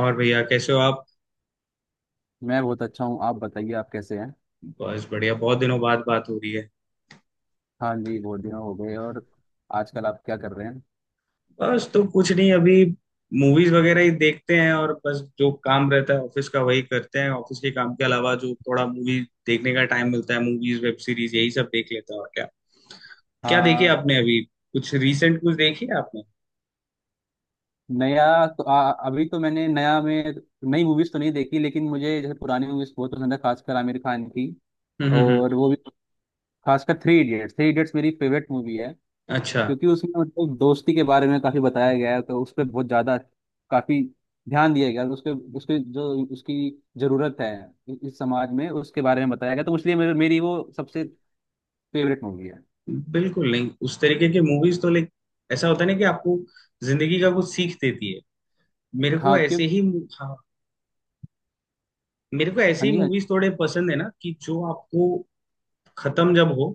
और भैया कैसे हो आप। मैं बहुत अच्छा हूँ। आप बताइए आप कैसे हैं। बस बढ़िया, बहुत दिनों बाद बात हो रही है। हाँ जी, बहुत दिन हो गए। और आजकल आप क्या कर रहे हैं। बस तो कुछ नहीं, अभी मूवीज वगैरह ही देखते हैं, और बस जो काम रहता है ऑफिस का वही करते हैं। ऑफिस के काम के अलावा जो थोड़ा मूवी देखने का टाइम मिलता है, मूवीज वेब सीरीज यही सब देख लेते हैं। और क्या? क्या देखी हाँ। आपने अभी, कुछ रिसेंट कुछ देखी है आपने? नया तो अभी तो मैंने नया में नई मूवीज तो नहीं देखी, लेकिन मुझे जैसे पुरानी मूवीज बहुत पसंद है, खासकर आमिर खान की। हम्म हम्म हम्म। और वो भी खासकर थ्री इडियट्स। थ्री इडियट्स मेरी फेवरेट मूवी है अच्छा। क्योंकि उसमें मतलब दोस्ती के बारे में काफी बताया गया है, तो उस पर बहुत ज्यादा काफी ध्यान दिया गया है। उसके उसके जो उसकी जरूरत है इस समाज में, उसके बारे में बताया गया, तो इसलिए मेरी वो सबसे फेवरेट मूवी है। बिल्कुल। नहीं, उस तरीके के मूवीज तो लाइक, ऐसा होता है ना कि आपको जिंदगी का कुछ सीख देती है। मेरे को हाँ, क्यों। ऐसे ही हाँ, मेरे को ऐसी हाँ जी, हाँ जी। मूवीज थोड़े पसंद है ना कि जो आपको खत्म जब हो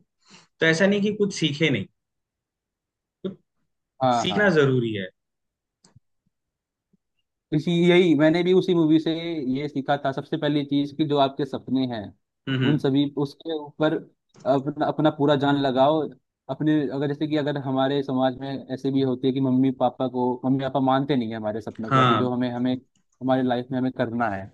तो ऐसा नहीं कि कुछ सीखे नहीं, तो हाँ सीखना हाँ। जरूरी है। इसी यही मैंने भी उसी मूवी से ये सीखा था। सबसे पहली चीज कि जो आपके सपने हैं, हम्म उन हम्म, सभी उसके ऊपर अपना अपना पूरा जान लगाओ। अपने अगर जैसे कि अगर हमारे समाज में ऐसे भी होती है कि मम्मी पापा को मम्मी पापा मानते नहीं है हमारे सपने के बारे, कि हाँ जो हमें हमें हमारे लाइफ में हमें करना है।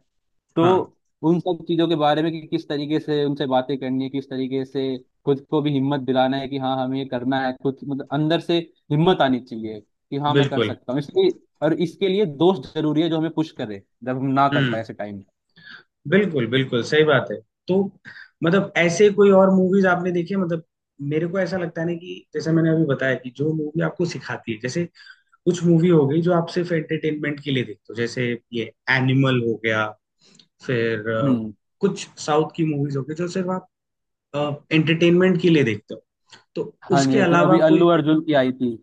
तो हाँ उन सब चीजों के बारे में कि किस तरीके से उनसे बातें करनी है, किस तरीके से खुद को भी हिम्मत दिलाना है कि हाँ, हमें ये करना है, खुद मतलब अंदर से हिम्मत आनी चाहिए कि हाँ, मैं कर बिल्कुल। सकता हूँ, इसलिए। और इसके लिए दोस्त जरूरी है जो हमें पुश करे जब हम ना कर पाए हम्म। ऐसे टाइम। बिल्कुल बिल्कुल सही बात है। तो मतलब ऐसे कोई और मूवीज आपने देखी है? मतलब मेरे को ऐसा लगता है ना, कि जैसे मैंने अभी बताया कि जो मूवी आपको सिखाती है, जैसे कुछ मूवी हो गई जो आप सिर्फ एंटरटेनमेंट के लिए देखते हो, जैसे ये एनिमल हो गया, फिर हम्म। कुछ साउथ की मूवीज हो गई जो सिर्फ आप एंटरटेनमेंट के लिए देखते हो। तो हाँ उसके जी, क्यों, अलावा अभी अल्लू कोई, अर्जुन की आई थी।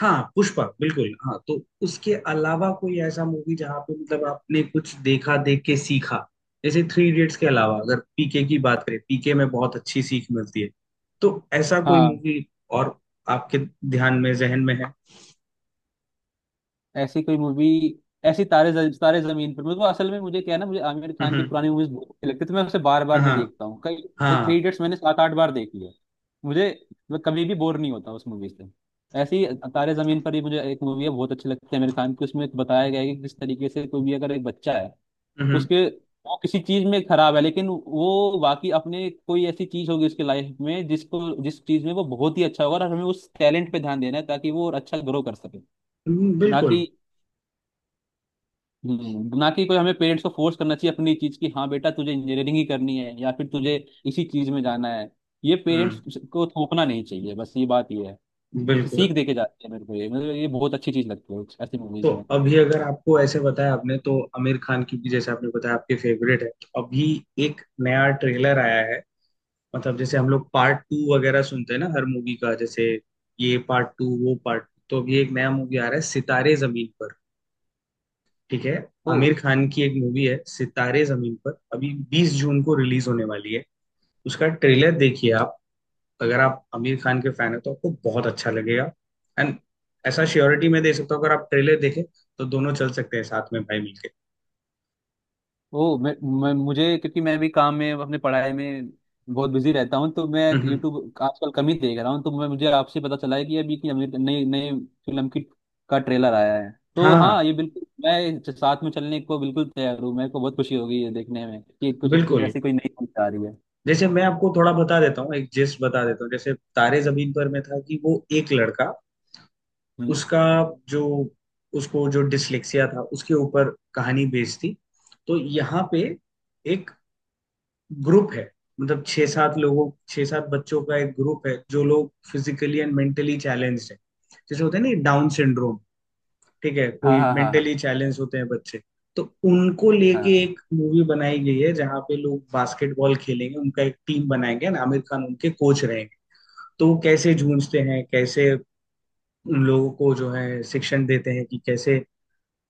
हाँ पुष्पा, बिल्कुल। हाँ, तो उसके अलावा कोई ऐसा मूवी जहाँ पे मतलब आपने कुछ देखा, देख के सीखा, जैसे थ्री इडियट्स के अलावा अगर पीके की बात करें, पीके में बहुत अच्छी सीख मिलती है। तो ऐसा कोई हाँ, मूवी और आपके ध्यान में, जहन में है? ऐसी कोई मूवी ऐसी तारे जमीन पर, मेरे को असल में, मुझे क्या है ना, मुझे आमिर खान की हम्म पुरानी मूवीज बहुत अच्छी लगती है, तो मैं उसे बार बार में हाँ देखता हूँ, कई। थ्री हाँ इडियट्स मैंने 7 8 बार देखी है। मुझे मैं कभी भी बोर नहीं होता उस मूवी से। ऐसी, तारे जमीन पर ही मुझे एक मूवी है, बहुत अच्छी लगती है आमिर खान की। उसमें बताया गया है कि किस तरीके से कोई भी अगर एक बच्चा है, हम्म उसके वो किसी चीज में खराब है, लेकिन वो बाकी अपने कोई ऐसी चीज होगी उसके लाइफ में, जिस चीज में वो बहुत ही अच्छा होगा और हमें उस टैलेंट पे ध्यान देना है ताकि वो और अच्छा ग्रो कर सके। ना बिल्कुल। कि कोई हमें पेरेंट्स को फोर्स करना चाहिए अपनी चीज की, हाँ बेटा तुझे इंजीनियरिंग ही करनी है या फिर तुझे इसी चीज में जाना है। ये हम्म पेरेंट्स को थोपना नहीं चाहिए, बस ये बात ये है। क्योंकि बिल्कुल। सीख दे के जाते हैं, मेरे को ये मतलब ये बहुत अच्छी चीज लगती है, ऐसी तो मूवीज अभी अगर आपको ऐसे बताया, आपने तो आमिर खान की भी जैसे आपने बताया आपके फेवरेट है, तो अभी एक नया ट्रेलर आया है। मतलब जैसे हम लोग पार्ट 2 वगैरह सुनते हैं ना हर मूवी का, जैसे ये पार्ट 2 वो पार्ट 2, तो अभी एक नया मूवी आ रहा है सितारे जमीन पर। ठीक है, में। आमिर खान की एक मूवी है सितारे जमीन पर, अभी 20 जून को रिलीज होने वाली है। उसका ट्रेलर देखिए आप, अगर आप आमिर खान के फैन हो तो आपको बहुत अच्छा लगेगा। एंड ऐसा श्योरिटी मैं दे सकता हूँ, अगर आप ट्रेलर देखें तो दोनों चल सकते हैं साथ में भाई मिलके। ओ, मैं मुझे, क्योंकि मैं भी काम में अपने पढ़ाई में बहुत बिजी रहता हूँ, तो मैं हम्म हम्म। यूट्यूब आजकल कम ही देख रहा हूँ। तो मैं मुझे आपसे पता चला है कि अभी की अमीर नई नई फिल्म की का ट्रेलर आया है। तो हाँ हाँ, ये बिल्कुल मैं साथ में चलने को बिल्कुल तैयार हूँ। मेरे को बहुत खुशी होगी ये देखने में कि कुछ कुछ बिल्कुल। ऐसी कोई नई फिल्म आ रही है। जैसे मैं आपको थोड़ा बता देता हूँ, एक जिस्ट बता देता हूँ, जैसे तारे जमीन पर में था कि वो एक लड़का, हम्म। उसका जो, उसको जो डिसलेक्सिया था उसके ऊपर कहानी बेस्ड थी। तो यहाँ पे एक ग्रुप है, मतलब 6-7 लोगों, 6-7 बच्चों का एक ग्रुप है, जो लोग फिजिकली एंड मेंटली चैलेंज्ड है, जैसे होते हैं ना डाउन सिंड्रोम। ठीक है, हाँ, कोई हाँ, हाँ, मेंटली चैलेंज होते हैं बच्चे। तो उनको लेके हाँ। एक मूवी बनाई गई है जहाँ पे लोग बास्केटबॉल खेलेंगे, उनका एक टीम बनाएंगे ना, आमिर खान उनके कोच रहेंगे। तो वो कैसे जूझते हैं, कैसे उन लोगों को जो है शिक्षण देते हैं, कि कैसे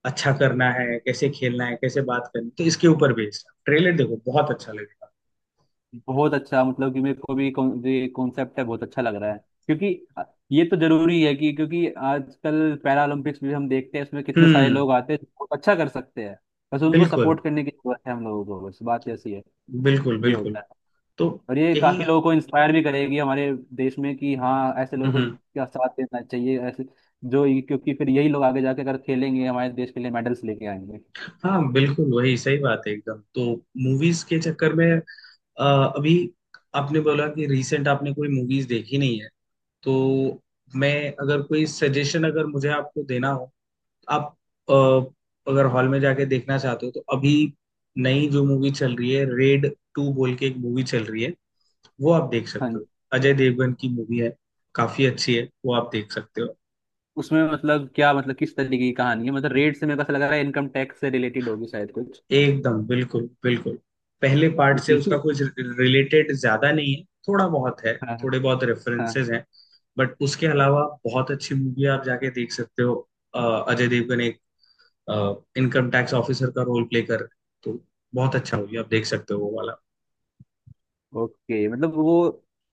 अच्छा करना है, कैसे खेलना है, कैसे बात करनी, तो इसके ऊपर बेस्ड, ट्रेलर देखो, बहुत अच्छा लगेगा। बहुत अच्छा, मतलब कि मेरे को भी ये कॉन्सेप्ट है, बहुत अच्छा लग रहा है। क्योंकि अ, ये तो जरूरी है कि क्योंकि आजकल पैरालंपिक्स भी हम देखते हैं, इसमें कितने सारे हम्म लोग आते हैं जो बहुत अच्छा कर सकते हैं। बस उनको बिल्कुल सपोर्ट करने की जरूरत है हम लोगों को, बस बात ऐसी है। बिल्कुल ये बिल्कुल। होता है। तो और ये यही काफी लोगों को इंस्पायर भी करेगी हमारे देश में कि हाँ, ऐसे लोगों को हम्म, का साथ देना चाहिए, ऐसे जो क्योंकि फिर यही लोग आगे जाके अगर खेलेंगे हमारे देश के लिए मेडल्स लेके आएंगे। हाँ बिल्कुल वही सही बात है एकदम। तो मूवीज के चक्कर में, अ, अभी आपने बोला कि रिसेंट आपने कोई मूवीज देखी नहीं है, तो मैं अगर कोई सजेशन अगर मुझे आपको देना हो, आप अ, अगर हॉल में जाके देखना चाहते हो, तो अभी नई जो मूवी चल रही है रेड 2 बोल के, एक मूवी चल रही है, वो आप देख हाँ सकते जी। हो। अजय देवगन की मूवी है, काफी अच्छी है, वो आप देख सकते हो। उसमें मतलब क्या मतलब किस तरीके की कहानी है, मतलब रेट से मेरे को ऐसा लग रहा है इनकम टैक्स से रिलेटेड होगी शायद कुछ, एकदम बिल्कुल बिल्कुल। पहले पार्ट से उसका क्योंकि कुछ रिलेटेड ज्यादा नहीं है, थोड़ा बहुत है, हाँ, थोड़े बहुत हाँ। रेफरेंसेस हैं। बट उसके अलावा बहुत अच्छी मूवी है, आप जाके देख सकते हो। अ, अजय देवगन एक इनकम टैक्स ऑफिसर का रोल प्ले कर रहे हैं, तो बहुत अच्छा मूवी आप देख सकते हो वो वाला। ओके मतलब वो,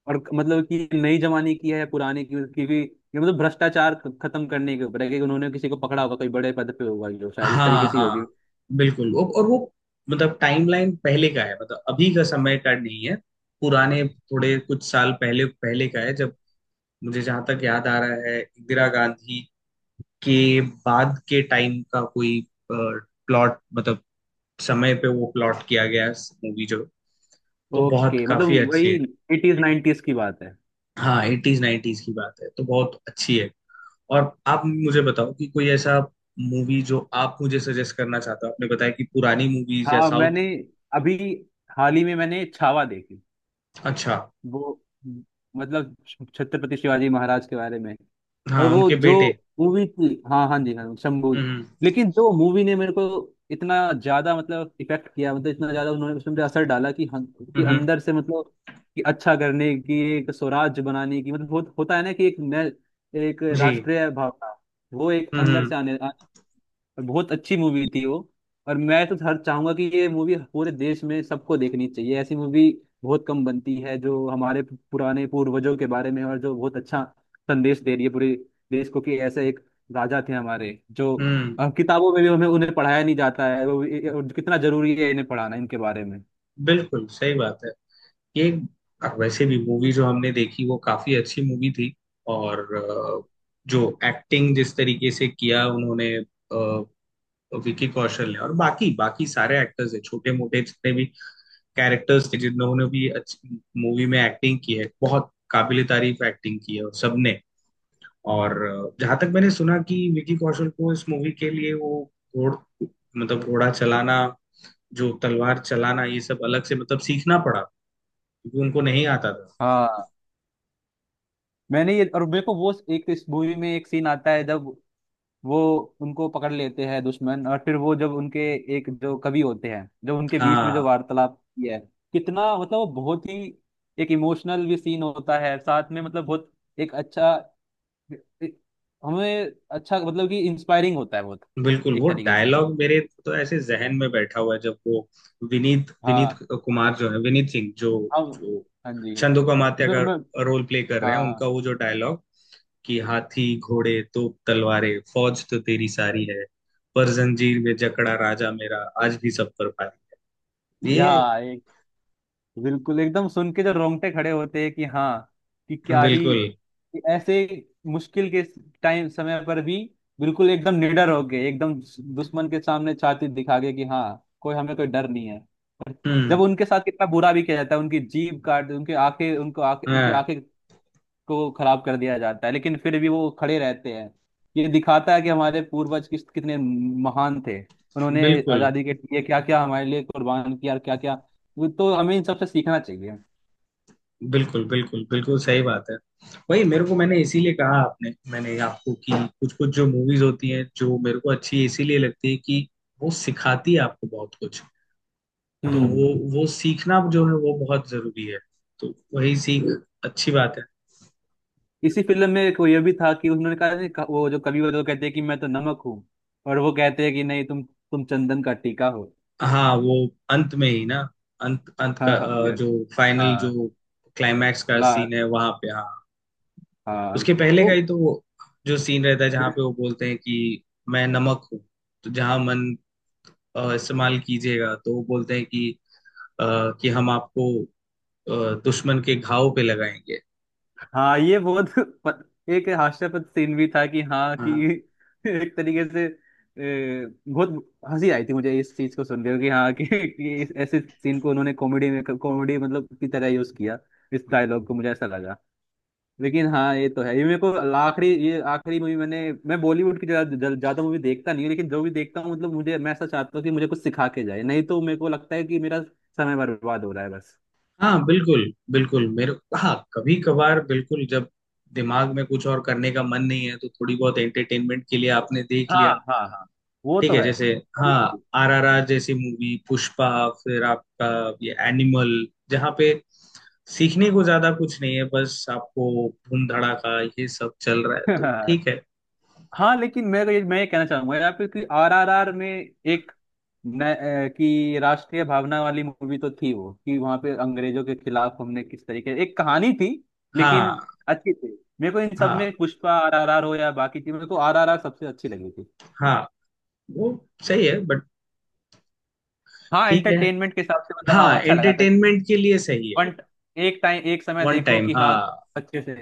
और मतलब कि नई जमाने की है, पुराने की, मतलब क्योंकि ये मतलब भ्रष्टाचार खत्म करने के ऊपर है कि उन्होंने किसी को पकड़ा होगा कोई बड़े पद पे होगा, जो शायद इस हाँ तरीके से ही होगी। हाँ बिल्कुल वो- और वो, मतलब टाइमलाइन पहले का है, मतलब अभी का समय का नहीं है। पुराने थोड़े कुछ साल पहले पहले का है, जब मुझे जहां तक याद आ रहा है इंदिरा गांधी के बाद के टाइम का कोई प्लॉट, मतलब समय पे वो प्लॉट किया गया मूवी जो। तो बहुत ओके, मतलब काफी अच्छी वही है। एटीज नाइनटीज की बात है। हाँ 80s 90s की बात है, तो बहुत अच्छी है। और आप मुझे बताओ कि कोई ऐसा मूवी जो आप मुझे सजेस्ट करना चाहते हो, आपने बताया कि पुरानी मूवीज या हाँ, साउथ। मैंने अभी हाल ही में मैंने छावा देखी। अच्छा। वो मतलब छत्रपति शिवाजी महाराज के बारे में, और हाँ, वो उनके जो बेटे। मूवी थी, हाँ, हाँ जी हाँ, शंबुल। हम्म लेकिन जो मूवी ने मेरे को इतना ज्यादा मतलब इफेक्ट किया, मतलब इतना ज्यादा उन्होंने उसमें मुझे असर डाला कि हम कि हम्म अंदर से मतलब, कि अच्छा करने की, एक स्वराज्य बनाने की मतलब, होता है ना कि एक एक जी राष्ट्रीय भावना वो एक अंदर हम्म। से आने, और बहुत अच्छी मूवी थी वो। और मैं तो हर चाहूंगा कि ये मूवी पूरे देश में सबको देखनी चाहिए। ऐसी मूवी बहुत कम बनती है जो हमारे पुराने पूर्वजों के बारे में और जो बहुत अच्छा संदेश दे रही है पूरे देश को कि ऐसे एक राजा थे हमारे जो हम्म किताबों में भी हमें उन्हें पढ़ाया नहीं जाता है। वो और कितना जरूरी है इन्हें पढ़ाना, इनके बारे में। बिल्कुल सही बात है। ये अब वैसे भी मूवी जो हमने देखी वो काफी अच्छी मूवी थी। और जो एक्टिंग जिस तरीके से किया उन्होंने, विकी कौशल ने और बाकी बाकी सारे एक्टर्स है, छोटे मोटे जितने भी कैरेक्टर्स थे, जिन्होंने भी अच्छी मूवी में एक्टिंग की है, बहुत काबिल तारीफ एक्टिंग की है और सबने। और जहां तक मैंने सुना कि विकी कौशल को इस मूवी के लिए वो घोड़ घोड़ा चलाना, जो तलवार चलाना, ये सब अलग से मतलब सीखना पड़ा, क्योंकि उनको नहीं आता था। हाँ, मैंने ये, और मेरे को वो, एक इस मूवी में एक सीन आता है जब वो उनको पकड़ लेते हैं दुश्मन, और फिर वो जब उनके एक जो कवि होते हैं, जब उनके बीच में जो हाँ वार्तालाप की है, कितना मतलब वो बहुत ही एक इमोशनल भी सीन होता है साथ में, मतलब बहुत एक अच्छा एक- हमें, अच्छा, मतलब कि इंस्पायरिंग होता है बहुत बिल्कुल, वो एक तरीके से। डायलॉग मेरे तो ऐसे जहन में बैठा हुआ है, जब वो विनीत विनीत हाँ, कुमार जो है विनीत सिंह जो हम, जो हाँ जी, हाँ जी। छंदो कामात्या उसमें का हमें, रोल प्ले कर रहे हैं, उनका हाँ, वो जो डायलॉग कि हाथी घोड़े तोप तलवारें फौज तो तेरी सारी है, पर जंजीर में जकड़ा राजा मेरा आज भी सब पर भारी, या ये। बिल्कुल एकदम सुन के जो रोंगटे खड़े होते हैं कि हाँ, कि क्या ही, बिल्कुल। कि ऐसे मुश्किल के टाइम समय पर भी बिल्कुल एकदम निडर हो गए, एकदम दुश्मन के सामने छाती दिखा गए कि हाँ, कोई हमें, कोई डर नहीं है। और जब हम्म उनके साथ कितना बुरा भी किया जाता है, उनकी जीभ काट, उनकी आंखें उनको आंखें उनके हाँ आंखें को खराब कर दिया जाता है, लेकिन फिर भी वो खड़े रहते हैं। ये दिखाता है कि हमारे पूर्वज किस कितने महान थे। उन्होंने बिल्कुल आजादी के लिए क्या क्या हमारे लिए कुर्बान किया, और क्या क्या। तो हमें इन सबसे सीखना चाहिए। बिल्कुल बिल्कुल। बिल्कुल सही बात है। वही मेरे को, मैंने इसीलिए कहा आपने, मैंने आपको कि कुछ कुछ जो मूवीज होती हैं जो मेरे को अच्छी इसीलिए लगती है कि वो सिखाती है आपको बहुत कुछ। तो हम्म। वो सीखना जो है वो बहुत जरूरी है। तो वही सीख अच्छी बात है। इसी फिल्म में एक वो ये भी था कि उन्होंने कहा नहीं, वो जो कवि, वो जो कहते हैं कि मैं तो नमक हूँ, और वो कहते हैं कि नहीं, तुम चंदन का टीका हो। हाँ वो अंत में ही ना, अंत अंत का हाँ हाँ, ये, जो फाइनल, हाँ, जो क्लाइमैक्स का ला, सीन है वहां पे, हाँ। हाँ। उसके पहले का तो ही तो वो जो सीन रहता है जहाँ पे वो बोलते हैं कि मैं नमक हूँ, तो जहाँ मन इस्तेमाल कीजिएगा, तो वो बोलते हैं कि कि हम आपको अ, दुश्मन के घाव पे लगाएंगे। हाँ, ये बहुत एक हास्यास्पद सीन भी था कि हाँ कि हाँ एक तरीके से बहुत हंसी आई थी मुझे इस चीज को सुन के कि हाँ कि इस ऐसे सीन को उन्होंने कॉमेडी में कॉमेडी मतलब की तरह यूज किया, इस डायलॉग को मुझे ऐसा लगा। लेकिन हाँ, ये तो है, ये मेरे को आखिरी मूवी मैंने। मैं बॉलीवुड की ज्यादा ज्यादा मूवी देखता नहीं हूँ, लेकिन जो भी देखता हूँ मतलब मुझे मैं ऐसा चाहता हूँ कि मुझे कुछ सिखा के जाए, नहीं तो मेरे को लगता है कि मेरा समय बर्बाद हो रहा है, बस। हाँ बिल्कुल बिल्कुल, मेरे हाँ कभी कभार बिल्कुल, जब दिमाग में कुछ और करने का मन नहीं है, तो थोड़ी बहुत एंटरटेनमेंट के लिए आपने देख हाँ, लिया। हाँ, हाँ, वो ठीक तो है है। जैसे हाँ आरआरआर जैसी मूवी, पुष्पा, फिर आपका ये एनिमल, जहाँ पे सीखने को ज्यादा कुछ नहीं है, बस आपको धूम धड़ाका ये सब चल रहा है, तो ठीक है। हाँ, लेकिन मैं ये कहना चाहूंगा यहाँ पे कि आरआरआर में एक न, अ, कि राष्ट्रीय भावना वाली मूवी तो थी वो, कि वहां पे अंग्रेजों के खिलाफ हमने किस तरीके, एक कहानी थी, लेकिन हाँ अच्छी थी। मेरे को इन सब में हाँ पुष्पा आरआरआर हो या बाकी थी, मेरे को आरआरआर सबसे अच्छी लगी थी। हाँ वो सही है बट, हाँ ठीक है एंटरटेनमेंट के हिसाब से मतलब हाँ हाँ अच्छा लगा था कि एंटरटेनमेंट के लिए सही है। वन एक टाइम, एक समय वन देखो टाइम कि हाँ, हाँ अच्छे से,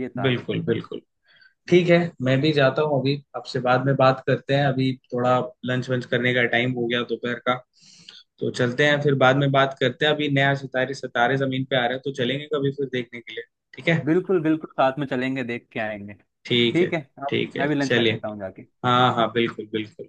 ये था बिल्कुल सही। बिल्कुल। ठीक है, मैं भी जाता हूँ, अभी आपसे बाद में बात करते हैं, अभी थोड़ा लंच वंच करने का टाइम हो गया दोपहर का। तो चलते हैं, फिर बाद में बात करते हैं, अभी नया सितारे सितारे जमीन पे आ रहे हैं, तो चलेंगे कभी फिर देखने के लिए। ठीक है। बिल्कुल बिल्कुल, साथ में चलेंगे, देख के आएंगे। ठीक है। ठीक है। अब ठीक है मैं भी लंच कर चलिए, लेता हूँ जाके। हाँ हाँ बिल्कुल बिल्कुल।